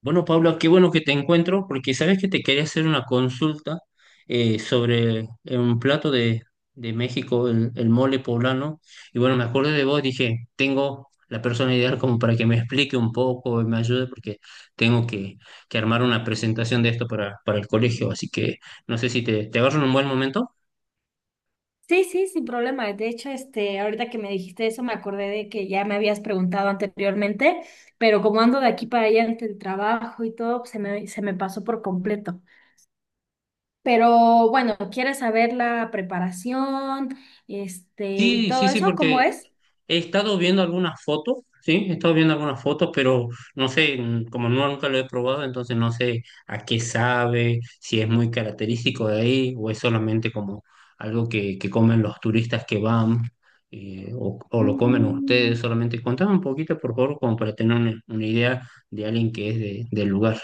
Bueno, Paula, qué bueno que te encuentro, porque sabes que te quería hacer una consulta sobre un plato de México, el mole poblano. Y bueno, me acordé de vos, dije, tengo la persona ideal como para que me explique un poco y me ayude, porque tengo que, que armar una presentación de esto para el colegio. Así que no sé si te agarro en un buen momento. Sí, sí, sin problema. De hecho, ahorita que me dijiste eso, me acordé de que ya me habías preguntado anteriormente, pero como ando de aquí para allá entre el trabajo y todo, pues, se me pasó por completo. Pero bueno, ¿quieres saber la preparación, y Sí, sí, todo sí, eso? ¿Cómo porque es? he estado viendo algunas fotos, sí, he estado viendo algunas fotos, pero no sé, como no, nunca lo he probado, entonces no sé a qué sabe, si es muy característico de ahí o es solamente como algo que comen los turistas que van o lo comen ustedes Mm. solamente. Contame un poquito, por favor, como para tener una idea de alguien que es del lugar.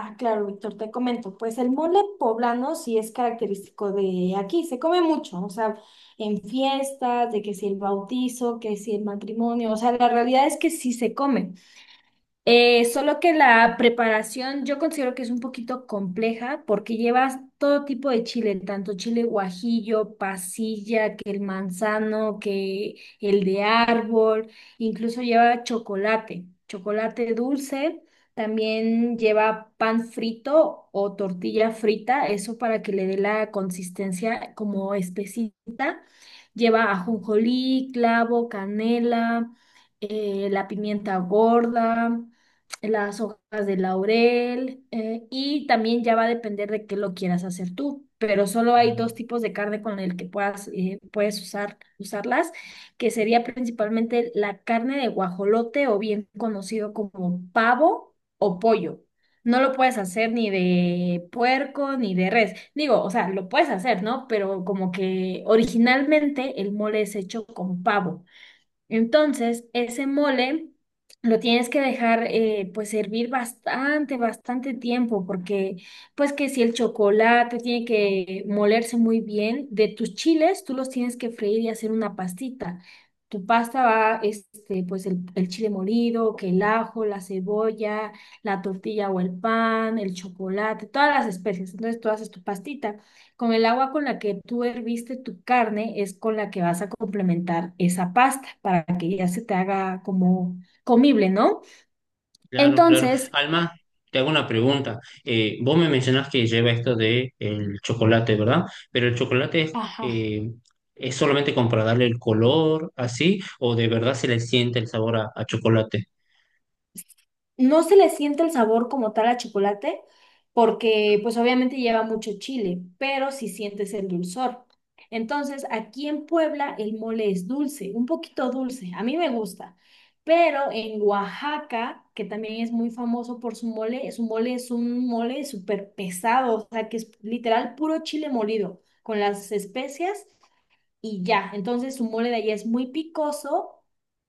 Ah, claro, Víctor, te comento. Pues el mole poblano sí es característico de aquí, se come mucho, o sea, en fiestas, de que si el bautizo, que si el matrimonio, o sea, la realidad es que sí se come. Solo que la preparación yo considero que es un poquito compleja porque llevas todo tipo de chile, tanto chile guajillo, pasilla, que el manzano, que el de árbol, incluso lleva chocolate, chocolate dulce, también lleva pan frito o tortilla frita, eso para que le dé la consistencia como espesita. Lleva ajonjolí, clavo, canela, la pimienta gorda, las hojas de laurel, y también ya va a depender de qué lo quieras hacer tú, pero solo hay dos tipos de carne con el que puedes usarlas, que sería principalmente la carne de guajolote o bien conocido como pavo o pollo. No lo puedes hacer ni de puerco ni de res. Digo, o sea, lo puedes hacer, ¿no? Pero como que originalmente el mole es hecho con pavo. Entonces, ese mole lo tienes que dejar, pues, hervir bastante, bastante tiempo, porque pues que si el chocolate tiene que molerse muy bien, de tus chiles tú los tienes que freír y hacer una pastita. Tu pasta va, pues el chile molido, que el ajo, la cebolla, la tortilla o el pan, el chocolate, todas las especies. Entonces tú haces tu pastita. Con el agua con la que tú herviste tu carne es con la que vas a complementar esa pasta para que ya se te haga como comible, ¿no? Claro, claro. Entonces. Alma, te hago una pregunta. Vos me mencionás que lleva esto de el chocolate, ¿verdad? Pero el chocolate Ajá. Es solamente como para darle el color, así, o de verdad se le siente el sabor a chocolate. No se le siente el sabor como tal a chocolate, porque pues obviamente lleva mucho chile, pero sí sientes el dulzor. Entonces, aquí en Puebla el mole es dulce, un poquito dulce, a mí me gusta, pero en Oaxaca, que también es muy famoso por su mole es un mole súper pesado, o sea, que es literal puro chile molido, con las especias y ya. Entonces su mole de allá es muy picoso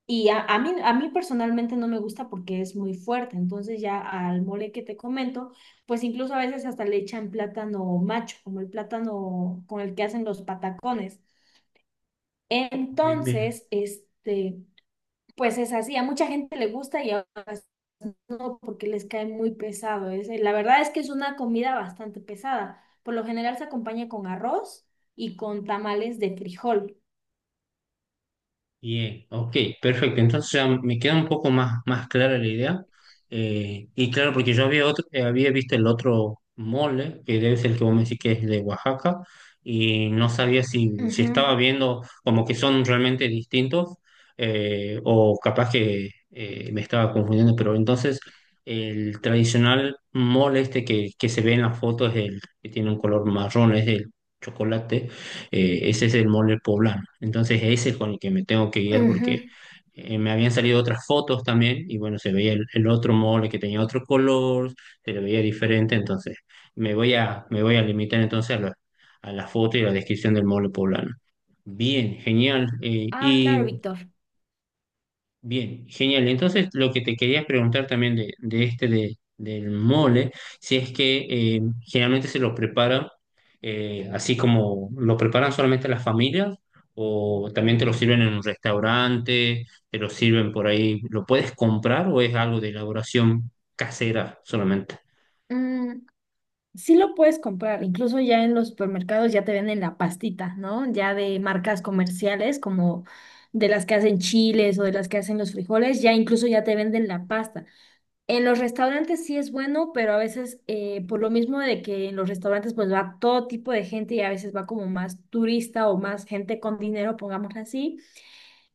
y a mí personalmente no me gusta porque es muy fuerte. Entonces ya al mole que te comento, pues incluso a veces hasta le echan plátano macho, como el plátano con el que hacen los patacones. Bien, bien. Entonces, pues es así. A mucha gente le gusta y a otras no, porque les cae muy pesado. Es, la verdad es que es una comida bastante pesada. Por lo general se acompaña con arroz y con tamales de frijol. Bien, ok, perfecto. Entonces ya me queda un poco más, más clara la idea. Y claro, porque yo había, otro, había visto el otro mole, que debe ser el que vos me decís que es de Oaxaca, y no sabía si, si estaba Ujú. viendo como que son realmente distintos, o capaz que me estaba confundiendo, pero entonces el tradicional mole este que se ve en la foto es el que tiene un color marrón, es el chocolate. Ese es el mole poblano. Entonces ese es con el que me tengo que guiar porque Ujú. Me habían salido otras fotos también y bueno, se veía el otro mole que tenía otro color, se le veía diferente, entonces me voy a limitar entonces a a la foto y la descripción del mole poblano. Bien, genial. Ah, claro, Y Víctor. bien, genial. Entonces, lo que te quería preguntar también del mole, si es que generalmente se lo prepara así como lo preparan solamente las familias o también te lo sirven en un restaurante, te lo sirven por ahí, ¿lo puedes comprar o es algo de elaboración casera solamente? Mm, sí lo puedes comprar, incluso ya en los supermercados ya te venden la pastita, ¿no? Ya de marcas comerciales como de las que hacen chiles o de las que hacen los frijoles, ya incluso ya te venden la pasta. En los restaurantes sí es bueno, pero a veces, por lo mismo de que en los restaurantes pues va todo tipo de gente y a veces va como más turista o más gente con dinero, pongámoslo así,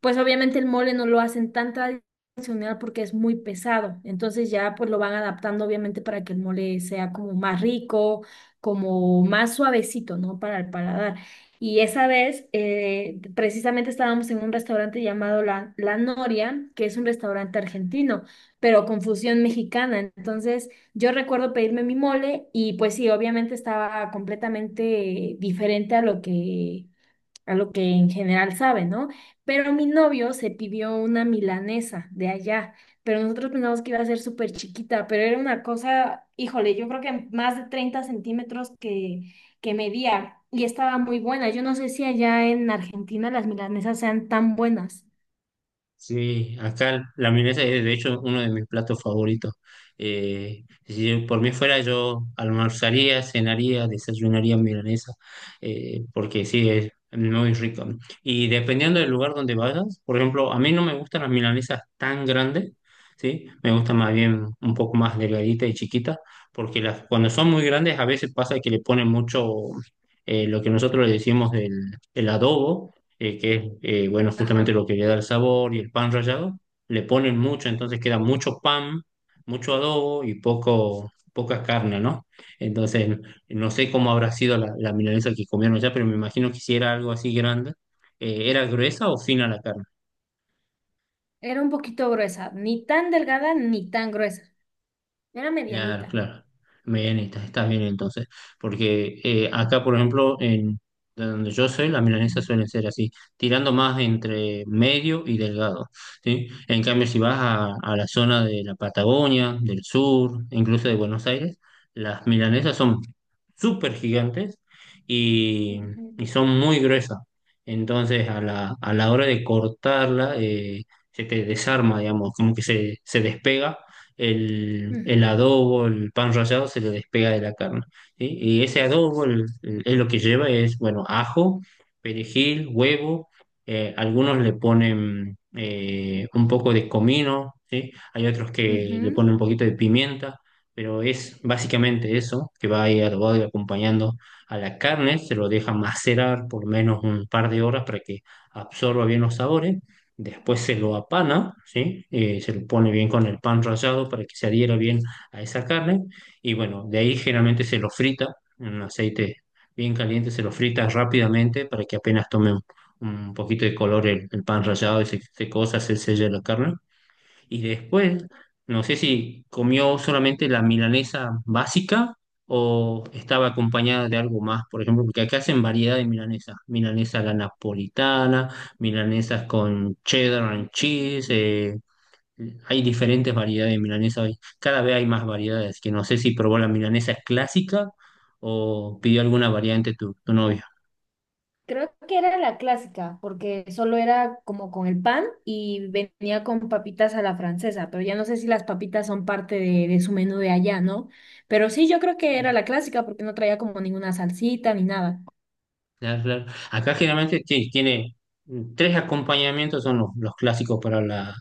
pues obviamente el mole no lo hacen tan tradicional porque es muy pesado, entonces ya pues lo van adaptando obviamente para que el mole sea como más rico, como más suavecito, ¿no? Para el paladar. Y esa vez, precisamente estábamos en un restaurante llamado La Noria, que es un restaurante argentino, pero con fusión mexicana. Entonces yo recuerdo pedirme mi mole y pues sí, obviamente estaba completamente diferente a lo que en general sabe, ¿no? Pero mi novio se pidió una milanesa de allá, pero nosotros pensamos que iba a ser súper chiquita, pero era una cosa, híjole, yo creo que más de 30 centímetros que medía y estaba muy buena. Yo no sé si allá en Argentina las milanesas sean tan buenas. Sí, acá la milanesa es de hecho uno de mis platos favoritos. Si por mí fuera, yo almorzaría, cenaría, desayunaría milanesa, porque sí, es muy rico. ¿No? Y dependiendo del lugar donde vayas, por ejemplo, a mí no me gustan las milanesas tan grandes, ¿sí? Me gustan más bien un poco más delgaditas y chiquitas, porque las, cuando son muy grandes a veces pasa que le ponen mucho lo que nosotros le decimos el adobo que es, bueno, justamente Ajá. lo que le da el sabor y el pan rallado, le ponen mucho, entonces queda mucho pan, mucho adobo y poco, poca carne, ¿no? Entonces, no sé cómo habrá sido la milanesa que comieron allá, pero me imagino que si era algo así grande, ¿era gruesa o fina la carne? Era un poquito gruesa, ni tan delgada ni tan gruesa, era Claro, medianita. claro. Bien, estás bien entonces. Porque acá, por ejemplo, en de donde yo soy, las milanesas suelen ser así, tirando más entre medio y delgado, ¿sí? En cambio, si vas a la zona de la Patagonia, del sur, incluso de Buenos Aires, las milanesas son súper gigantes y, Ujú, y son muy gruesas. Entonces, a a la hora de cortarla, se te desarma, digamos, como que se despega el ujú, adobo, el pan rallado se le despega de la carne. ¿Sí? Y ese adobo es lo que lleva, es, bueno, ajo, perejil, huevo, algunos le ponen un poco de comino, ¿sí? Hay otros que le ponen ujú. un poquito de pimienta, pero es básicamente eso, que va ahí adobado y acompañando a la carne, se lo deja macerar por menos un par de horas para que absorba bien los sabores. Después se lo apana, ¿sí? Se lo pone bien con el pan rallado para que se adhiera bien a esa carne. Y bueno, de ahí generalmente se lo frita en un aceite bien caliente, se lo frita rápidamente para que apenas tome un poquito de color el pan rallado y se cosa, se sella la carne. Y después, no sé si comió solamente la milanesa básica o estaba acompañada de algo más, por ejemplo, porque acá hacen variedad de milanesas. Milanesa a la napolitana, milanesas con cheddar and cheese. Hay diferentes variedades de milanesa hoy. Cada vez hay más variedades, que no sé si probó la milanesa clásica o pidió alguna variante tu novia. Creo que era la clásica, porque solo era como con el pan y venía con papitas a la francesa, pero ya no sé si las papitas son parte de su menú de allá, ¿no? Pero sí, yo creo que era la clásica porque no traía como ninguna salsita ni nada. Claro, claro. Acá generalmente sí, tiene tres acompañamientos, son los clásicos para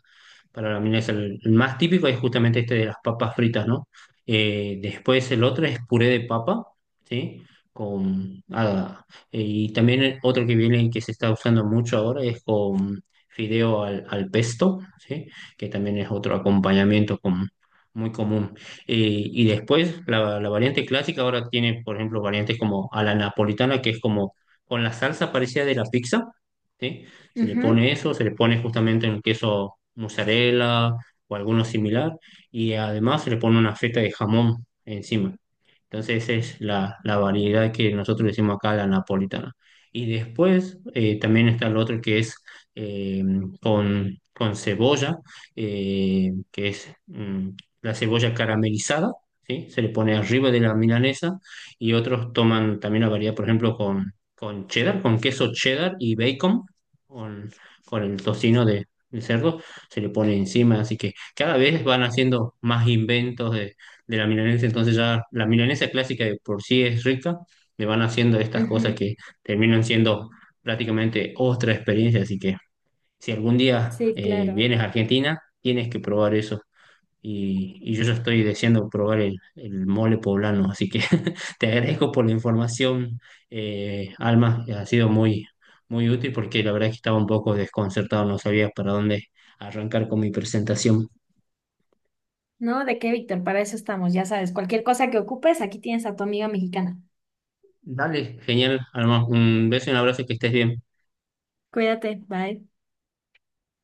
para la milanesa. El más típico es justamente este de las papas fritas, ¿no? Después el otro es puré de papa, ¿sí? Con, ah, y también el otro que viene y que se está usando mucho ahora es con fideo al pesto, ¿sí? Que también es otro acompañamiento muy común. Y después la variante clásica ahora tiene, por ejemplo, variantes como a la napolitana, que es como con la salsa parecida de la pizza, ¿sí? Se le Ujú, pone eso, se le pone justamente un queso mozzarella o alguno similar y además se le pone una feta de jamón encima. Entonces esa es la variedad que nosotros decimos acá, la napolitana. Y después también está el otro que es eh, con con, cebolla, que es la cebolla caramelizada, ¿sí? Se le pone arriba de la milanesa y otros toman también la variedad, por ejemplo, con cheddar, con queso cheddar y bacon, con, con el tocino de cerdo, se le pone encima. Así que cada vez van haciendo más inventos de la milanesa, entonces ya la milanesa clásica de por sí es rica, le van haciendo estas cosas ujú. que terminan siendo prácticamente otra experiencia, así que si algún día Sí, claro. vienes a Argentina, tienes que probar eso. Y yo ya estoy deseando probar el mole poblano, así que te agradezco por la información, Alma, ha sido muy, muy útil porque la verdad es que estaba un poco desconcertado, no sabía para dónde arrancar con mi presentación. No, ¿de qué, Víctor? Para eso estamos, ya sabes. Cualquier cosa que ocupes, aquí tienes a tu amiga mexicana. Dale, genial, Alma, un beso y un abrazo, que estés bien. Cuídate, bye.